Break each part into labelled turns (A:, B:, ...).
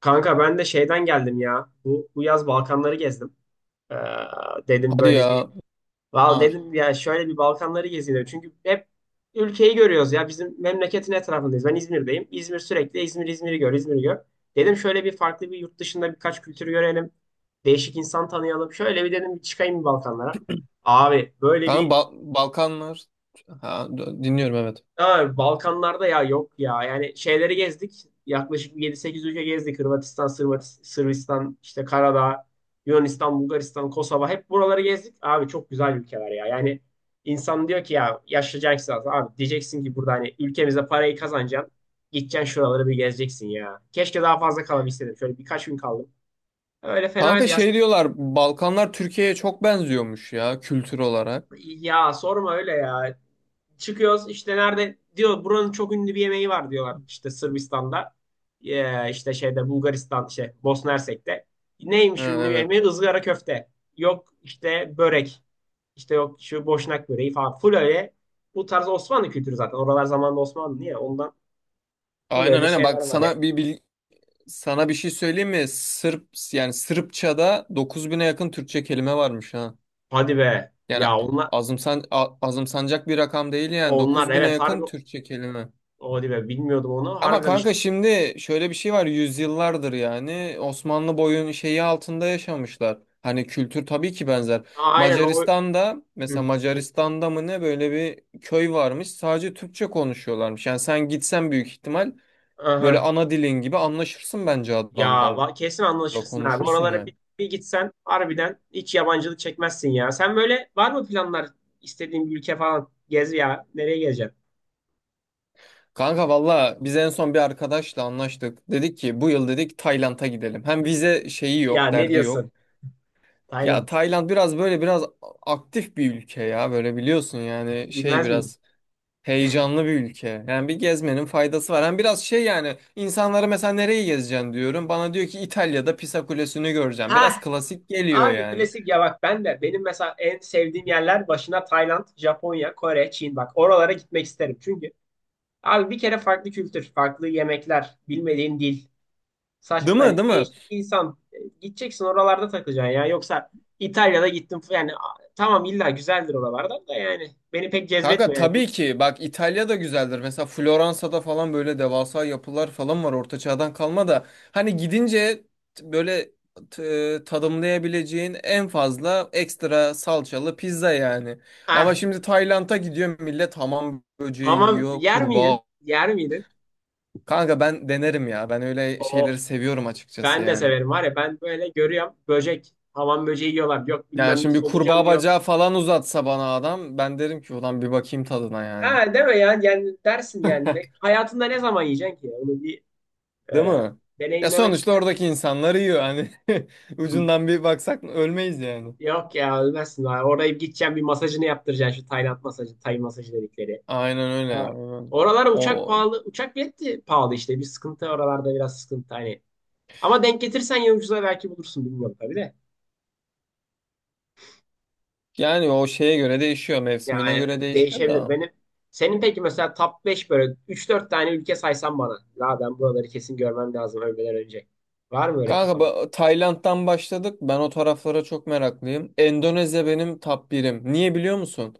A: Kanka ben de şeyden geldim ya. Bu yaz Balkanları gezdim. Ee, dedim
B: Hadi
A: böyle bir
B: ya.
A: Val
B: Bunlar.
A: dedim ya şöyle bir Balkanları gezeyim dedim. Çünkü hep ülkeyi görüyoruz ya. Bizim memleketin etrafındayız. Ben İzmir'deyim. İzmir sürekli İzmir'i gör, İzmir'i gör. Dedim şöyle bir farklı bir yurt dışında birkaç kültürü görelim. Değişik insan tanıyalım. Şöyle bir dedim bir çıkayım bir Balkanlara. Abi böyle
B: Kanka
A: bir
B: Balkanlar. Ha, dinliyorum, evet.
A: Ama Balkanlarda ya yok ya. Yani şeyleri gezdik. Yaklaşık yedi sekiz ülke gezdik. Hırvatistan, Sırbistan, işte Karadağ, Yunanistan, Bulgaristan, Kosova. Hep buraları gezdik. Abi çok güzel ülkeler ya. Yani insan diyor ki ya yaşlayacaksın zaten. Abi diyeceksin ki burada hani ülkemize parayı kazanacaksın. Gideceksin şuraları bir gezeceksin ya. Keşke daha fazla kalabilseydim. Şöyle birkaç gün kaldım. Öyle
B: Kanka
A: fenaydı ya.
B: şey diyorlar, Balkanlar Türkiye'ye çok benziyormuş ya, kültür olarak.
A: Ya sorma öyle ya. Çıkıyoruz işte nerede diyor buranın çok ünlü bir yemeği var diyorlar işte Sırbistan'da işte şeyde Bulgaristan şey Bosna Hersek'te.
B: Ha,
A: Neymiş ünlü
B: evet.
A: yemeği? Izgara köfte. Yok işte börek. İşte yok şu boşnak böreği falan. Full öyle bu tarz Osmanlı kültürü zaten. Oralar zamanında Osmanlı niye? Ondan full
B: Aynen,
A: öyle
B: aynen,
A: şeyler
B: bak
A: var ya.
B: sana sana bir şey söyleyeyim mi? Sırp yani Sırpça'da 9000'e yakın Türkçe kelime varmış ha.
A: Hadi be.
B: Yani
A: Ya onlar
B: azımsanacak bir rakam değil yani,
A: onlar
B: 9000'e
A: evet harbi
B: yakın Türkçe kelime.
A: hadi be bilmiyordum onu.
B: Ama
A: Harbiden işte.
B: kanka şimdi şöyle bir şey var, yüzyıllardır yani Osmanlı boyun şeyi altında yaşamışlar. Hani kültür tabii ki benzer.
A: Aa, aynen o.
B: Macaristan'da mesela,
A: Hı.
B: Macaristan'da mı ne, böyle bir köy varmış, sadece Türkçe konuşuyorlarmış. Yani sen gitsen büyük ihtimal böyle
A: Aha.
B: ana dilin gibi anlaşırsın bence
A: Ya
B: adamlarla,
A: kesin anlaşırsın abi.
B: konuşursun
A: Oralara bir,
B: yani.
A: bir gitsen harbiden hiç yabancılık çekmezsin ya. Sen böyle var mı planlar istediğin bir ülke falan? Gez ya. Nereye gezeceksin?
B: Kanka valla biz en son bir arkadaşla anlaştık. Dedik ki bu yıl dedik Tayland'a gidelim. Hem vize şeyi
A: Ya
B: yok,
A: ne
B: derdi
A: diyorsun?
B: yok. Ya
A: Tayland.
B: Tayland biraz böyle biraz aktif bir ülke ya, böyle biliyorsun yani, şey
A: Bilmez miyim?
B: biraz heyecanlı bir ülke. Yani bir gezmenin faydası var. Hem biraz şey yani, insanlara mesela nereyi gezeceksin diyorum. Bana diyor ki İtalya'da Pisa Kulesi'ni göreceğim. Biraz
A: Ha,
B: klasik geliyor
A: abi
B: yani.
A: klasik ya bak ben de benim mesela en sevdiğim yerler başına Tayland, Japonya, Kore, Çin bak oralara gitmek isterim. Çünkü abi bir kere farklı kültür, farklı yemekler, bilmediğin dil.
B: Değil
A: Saçma yani
B: mi? Değil mi?
A: değişik insan. Gideceksin oralarda takılacaksın ya. Yoksa İtalya'da gittim yani tamam illa güzeldir oralarda da yani beni pek
B: Kanka
A: cezbetmiyor yani.
B: tabii ki bak, İtalya da güzeldir. Mesela Floransa'da falan böyle devasa yapılar falan var orta çağdan kalma da, hani gidince t- böyle t- tadımlayabileceğin en fazla ekstra salçalı pizza yani. Ama
A: Ah,
B: şimdi Tayland'a gidiyor millet, hamam böceği
A: hamam
B: yiyor,
A: yer miydin?
B: kurbağa.
A: Yer miydin?
B: Kanka ben denerim ya. Ben öyle
A: O
B: şeyleri seviyorum açıkçası
A: ben de
B: yani.
A: severim var ya ben böyle görüyorum böcek hamam böceği yiyorlar yok
B: Yani
A: bilmem ne
B: şimdi bir
A: solucan
B: kurbağa
A: yiyor.
B: bacağı falan uzatsa bana adam, ben derim ki ulan, bir bakayım tadına yani.
A: Ha deme ya yani dersin yani. Hayatında ne zaman yiyeceksin ki onu bir
B: Değil
A: e,
B: mi? Ya
A: deneyimlemek
B: sonuçta
A: istersin.
B: oradaki insanlar yiyor hani, ucundan bir baksak ölmeyiz yani.
A: Yok ya ölmezsin. Oraya gideceğim bir masajını yaptıracaksın şu Tayland masajı, Tay masajı dedikleri.
B: Aynen öyle.
A: Ha,
B: Aynen.
A: oralar uçak
B: O
A: pahalı. Uçak bileti pahalı işte. Bir sıkıntı oralarda biraz sıkıntı hani. Ama denk getirsen ya ucuza belki bulursun bilmiyorum tabii de.
B: yani o şeye göre değişiyor, mevsimine göre
A: Yani
B: değişiyor
A: değişebilir.
B: da.
A: Benim senin peki mesela top 5 böyle üç dört tane ülke saysan bana. La ben buraları kesin görmem lazım ölmeden önce. Var mı öyle
B: Kanka
A: kafanda?
B: Tayland'dan başladık. Ben o taraflara çok meraklıyım. Endonezya benim top birim. Niye biliyor musun?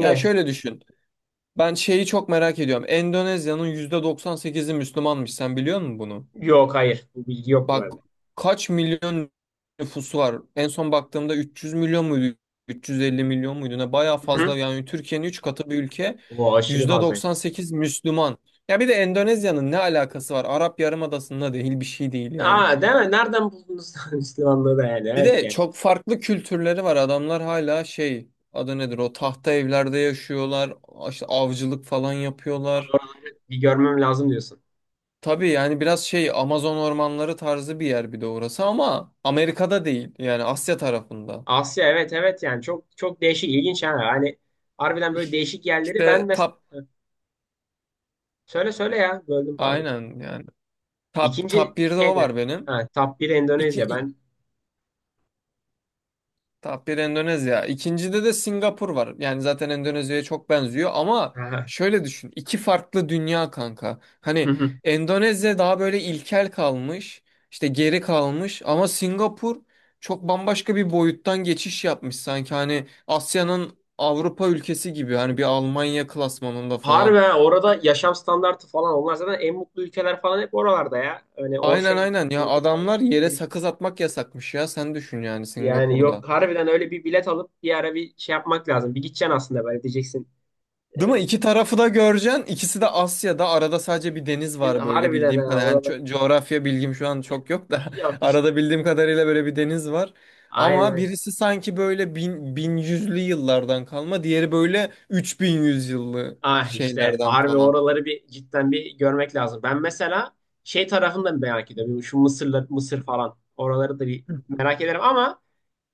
B: Ya şöyle düşün. Ben şeyi çok merak ediyorum. Endonezya'nın %98'i Müslümanmış. Sen biliyor musun bunu?
A: Yok hayır. Bu bilgi yoktu
B: Bak,
A: bende.
B: kaç milyon nüfusu var? En son baktığımda 300 milyon muydu? 350 milyon muydu? Ne bayağı
A: Hı-hı.
B: fazla yani, Türkiye'nin 3 katı bir ülke.
A: O aşırı fazla.
B: %98 Müslüman. Ya bir de Endonezya'nın ne alakası var? Arap Yarımadası'nda değil, bir şey değil yani.
A: Aa değil mi? Nereden buldunuz Müslümanlığı da yani?
B: Bir
A: Evet
B: de
A: yani.
B: çok farklı kültürleri var. Adamlar hala şey, adı nedir, o tahta evlerde yaşıyorlar. İşte avcılık falan yapıyorlar.
A: Bir görmem lazım diyorsun.
B: Tabii yani biraz şey, Amazon ormanları tarzı bir yer bir de orası, ama Amerika'da değil yani, Asya tarafında.
A: Asya, evet evet yani çok çok değişik ilginç yani. Hani harbiden böyle
B: İş-
A: değişik yerleri ben
B: İşte
A: mesela
B: top,
A: söyle söyle ya böldüm pardon.
B: aynen yani, top
A: İkinci
B: top 1'de o
A: şeydi.
B: var benim.
A: Ha, top 1
B: İki,
A: Endonezya
B: ik-
A: ben.
B: top 1 Endonezya. İkincide de Singapur var. Yani zaten Endonezya'ya çok benziyor ama
A: Aha.
B: şöyle düşün. İki farklı dünya kanka.
A: Hı
B: Hani
A: hı.
B: Endonezya daha böyle ilkel kalmış, işte geri kalmış, ama Singapur çok bambaşka bir boyuttan geçiş yapmış sanki, hani Asya'nın Avrupa ülkesi gibi, hani bir Almanya klasmanında
A: Harbi
B: falan.
A: ha, orada yaşam standartı falan onlar zaten en mutlu ülkeler falan hep oralarda ya. Hani o
B: Aynen
A: şey
B: aynen ya, adamlar
A: falan
B: yere
A: gelişti.
B: sakız atmak yasakmış ya, sen düşün yani,
A: Yani
B: Singapur'da.
A: yok harbiden öyle bir bilet alıp bir ara bir şey yapmak lazım. Bir gideceksin aslında böyle diyeceksin.
B: Değil mi?
A: Ee,
B: İki
A: bir-
B: tarafı da göreceksin. İkisi de
A: bir-
B: Asya'da. Arada sadece
A: bir-
B: bir deniz var böyle,
A: Harbiden
B: bildiğim kadar.
A: ha
B: Yani
A: oralar.
B: coğrafya bilgim şu an
A: Ya,
B: çok yok da,
A: yok
B: arada
A: işte.
B: bildiğim kadarıyla böyle bir deniz var. Ama
A: Aynen.
B: birisi sanki böyle bin yüzlü yıllardan kalma, diğeri böyle 3100 yıllı
A: Ah işte
B: şeylerden
A: harbi
B: falan.
A: oraları bir cidden bir görmek lazım. Ben mesela şey tarafını da merak ediyorum. Şu Mısır'la Mısır falan oraları da bir merak ederim ama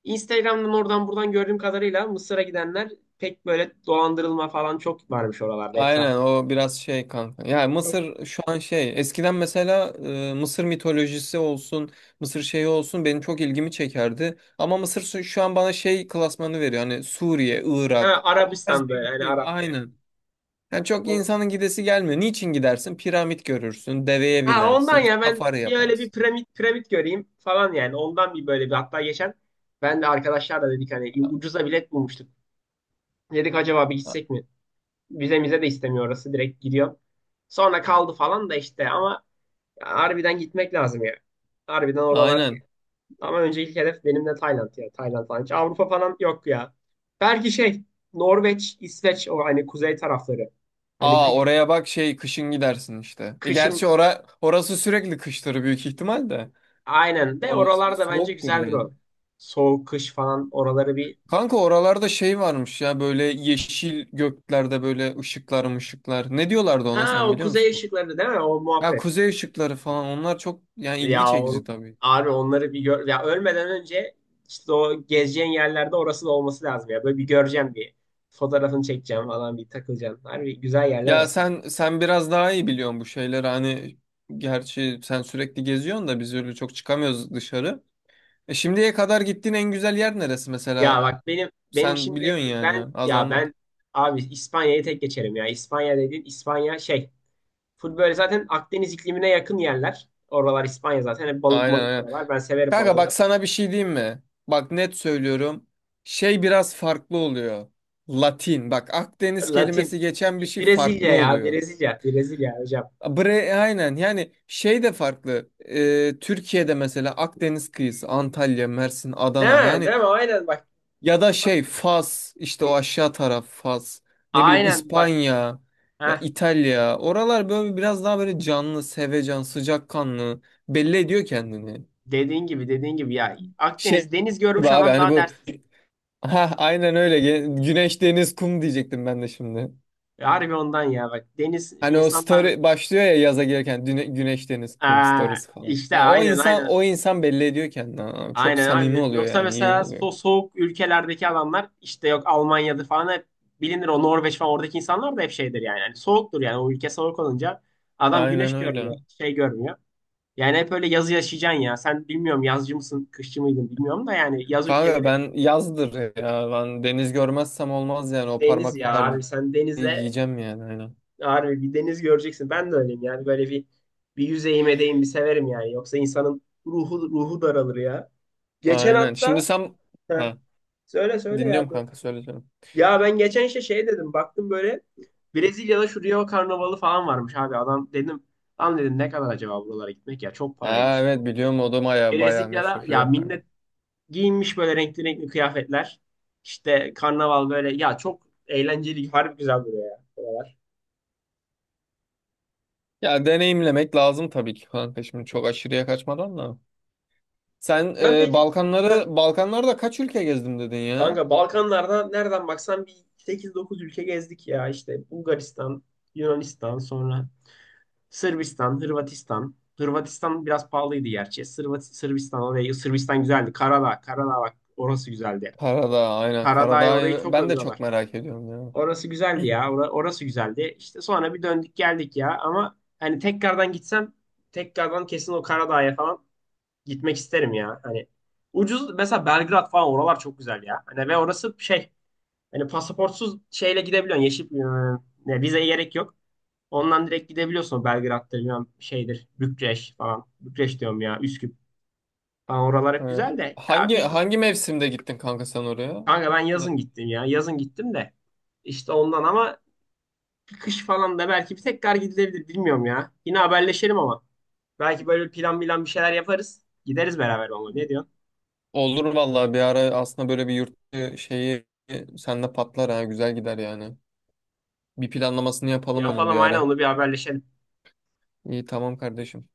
A: Instagram'dan oradan buradan gördüğüm kadarıyla Mısır'a gidenler pek böyle dolandırılma falan çok varmış oralarda
B: Aynen,
A: etrafta.
B: o biraz şey kanka. Yani
A: Çok.
B: Mısır şu an şey, eskiden mesela Mısır mitolojisi olsun, Mısır şeyi olsun, benim çok ilgimi çekerdi. Ama Mısır şu an bana şey klasmanı veriyor. Hani Suriye,
A: Ha,
B: Irak, o tarz
A: Arabistan'da
B: bir
A: yani
B: ülkeyim.
A: Arap yani.
B: Aynen. Yani çok
A: O-
B: insanın gidesi gelmiyor. Niçin gidersin? Piramit görürsün, deveye
A: Ha ondan
B: binersin,
A: ya ben
B: safari
A: bir öyle bir
B: yaparsın.
A: piramit göreyim falan yani ondan bir böyle bir hatta geçen ben de arkadaşlarla dedik hani ucuza bilet bulmuştuk. Dedik acaba bir
B: A-
A: gitsek mi? Vizemize de istemiyor orası. Direkt gidiyor. Sonra kaldı falan da işte ama harbiden gitmek lazım ya. Harbiden oralar.
B: Aynen.
A: Ama önce ilk hedef benim de Tayland ya. Tayland falan. Hiç Avrupa falan yok ya. Belki şey Norveç, İsveç o hani kuzey tarafları. Hani
B: Aa,
A: kış,
B: oraya bak, şey, kışın gidersin işte. E,
A: kışın
B: gerçi orası sürekli kıştır büyük ihtimal de.
A: aynen de
B: Orası bir
A: oralarda bence
B: soğuktur
A: güzeldir
B: yani.
A: o. Soğuk kış falan oraları bir.
B: Kanka oralarda şey varmış ya, böyle yeşil göklerde böyle ışıklar, ışıklar. Ne diyorlardı ona,
A: Ha
B: sen
A: o
B: biliyor
A: kuzey
B: musun?
A: ışıkları değil mi? O
B: Ya
A: muhabbet.
B: kuzey ışıkları falan, onlar çok yani ilgi
A: Ya
B: çekici
A: on,
B: tabii.
A: abi onları bir gör ya ölmeden önce işte o gezeceğin yerlerde orası da olması lazım ya. Böyle bir göreceğim bir fotoğrafını çekeceğim falan bir takılacağım. Harbi güzel yerler
B: Ya
A: aslında.
B: sen biraz daha iyi biliyorsun bu şeyleri hani, gerçi sen sürekli geziyorsun da biz öyle çok çıkamıyoruz dışarı. E, şimdiye kadar gittiğin en güzel yer neresi
A: Ya
B: mesela?
A: bak benim
B: Sen
A: şimdi
B: biliyorsun yani,
A: ben
B: az
A: ya
B: anlat.
A: ben abi İspanya'yı tek geçerim ya. İspanya dediğin İspanya şey full böyle zaten Akdeniz iklimine yakın yerler. Oralar İspanya zaten hep balık
B: Aynen,
A: malık
B: aynen.
A: diyorlar. Ben severim
B: Kanka
A: balığı
B: bak
A: da.
B: sana bir şey diyeyim mi? Bak net söylüyorum. Şey biraz farklı oluyor. Latin. Bak, Akdeniz
A: Latin
B: kelimesi geçen bir
A: bir
B: şey farklı
A: Brezilya ya
B: oluyor.
A: Brezilya hocam.
B: Bre aynen yani, şey de farklı. Türkiye'de mesela Akdeniz kıyısı Antalya, Mersin,
A: Değil
B: Adana
A: mi?
B: yani,
A: Değil mi? Aynen bak.
B: ya da şey Fas, işte o aşağı taraf, Fas. Ne bileyim,
A: Aynen bak.
B: İspanya ya
A: Heh,
B: İtalya. Oralar böyle biraz daha böyle canlı, sevecen, sıcakkanlı, belli ediyor kendini.
A: dediğin gibi dediğin gibi ya Akdeniz
B: Şey
A: deniz
B: gibi
A: görmüş
B: abi,
A: adam
B: hani
A: daha
B: bu,
A: dersiz.
B: ha aynen öyle. Güneş, deniz, kum diyecektim ben de şimdi.
A: Harbi ondan ya bak deniz
B: Hani o
A: insandan.
B: story başlıyor ya yaza girerken, güneş, deniz, kum
A: Aa,
B: stories falan.
A: işte
B: Yani o
A: aynen
B: insan,
A: aynen
B: o insan belli ediyor kendini. Aa, çok
A: aynen
B: samimi
A: abi.
B: oluyor
A: Yoksa
B: yani, iyi
A: mesela
B: oluyor.
A: soğuk ülkelerdeki adamlar işte yok Almanya'da falan hep bilinir o Norveç falan oradaki insanlar da hep şeydir yani. Yani soğuktur yani o ülke soğuk olunca adam
B: Aynen
A: güneş görmüyor
B: öyle.
A: şey görmüyor. Yani hep öyle yazı yaşayacaksın ya. Sen bilmiyorum yazcı mısın, kışçı mıydın bilmiyorum da yani yaz
B: Kanka
A: ülkeleri
B: ben yazdır ya. Ben deniz görmezsem olmaz yani, o
A: deniz
B: parmak
A: ya abi.
B: terliği
A: Sen denize
B: yiyeceğim yani, aynen.
A: harbi bir deniz göreceksin. Ben de öyleyim yani böyle bir bir yüzeyime değin bir severim yani. Yoksa insanın ruhu daralır ya. Geçen
B: Aynen. Şimdi
A: hatta
B: sen,
A: heh,
B: ha,
A: söyle söyle
B: dinliyorum
A: ya böyle.
B: kanka, söyleyeceğim.
A: Ya ben geçen işte şey dedim baktım böyle Brezilya'da şu Rio Karnavalı falan varmış abi adam dedim. Lan dedim ne kadar acaba buralara gitmek ya çok
B: Ha
A: paraymış ya.
B: evet, biliyorum, o da baya baya
A: Brezilya'da
B: meşhur
A: ya
B: Rio.
A: millet giyinmiş böyle renkli renkli kıyafetler. İşte karnaval böyle ya çok eğlenceli harbi güzel duruyor ya. Buralar.
B: Ya deneyimlemek lazım tabii ki kanka, şimdi çok aşırıya kaçmadan da. Sen
A: Sen peki. Heh,
B: Balkanlarda kaç ülke gezdim dedin ya?
A: kanka Balkanlarda nereden baksan bir 8-9 ülke gezdik ya işte Bulgaristan, Yunanistan, sonra Sırbistan, Hırvatistan. Hırvatistan biraz pahalıydı gerçi. Sırbistan orayı Sırbistan güzeldi. Karadağ, Karadağ bak orası güzeldi.
B: Karadağ, aynen,
A: Karadağ'ı orayı
B: Karadağ'ı
A: çok
B: ben de çok
A: övüyorlar.
B: merak ediyorum ya.
A: Orası güzeldi ya. Orası güzeldi. İşte sonra bir döndük geldik ya ama hani tekrardan gitsem tekrardan kesin o Karadağ'a falan gitmek isterim ya. Hani ucuz mesela Belgrad falan oralar çok güzel ya. Hani ve orası şey. Hani pasaportsuz şeyle gidebiliyorsun. Yeşil ne, vizeye gerek yok. Ondan direkt gidebiliyorsun Belgrad'dır, bilmem şeydir, Bükreş falan. Bükreş diyorum ya, Üsküp falan oralar
B: E,
A: hep güzel de. Ya
B: hangi
A: bir
B: hangi mevsimde gittin kanka sen oraya?
A: kanka ben yazın gittim ya. Yazın gittim de. İşte ondan ama kış falan da belki bir tekrar gidilebilir bilmiyorum ya. Yine haberleşelim ama. Belki böyle plan bilen bir şeyler yaparız. Gideriz beraber onunla. Ne diyorsun?
B: Olur vallahi, bir ara aslında böyle bir yurt dışı şeyi sende patlar ha, güzel gider yani. Bir planlamasını yapalım onun bir
A: Yapalım aynen
B: ara.
A: onu bir haberleşelim.
B: İyi, tamam kardeşim.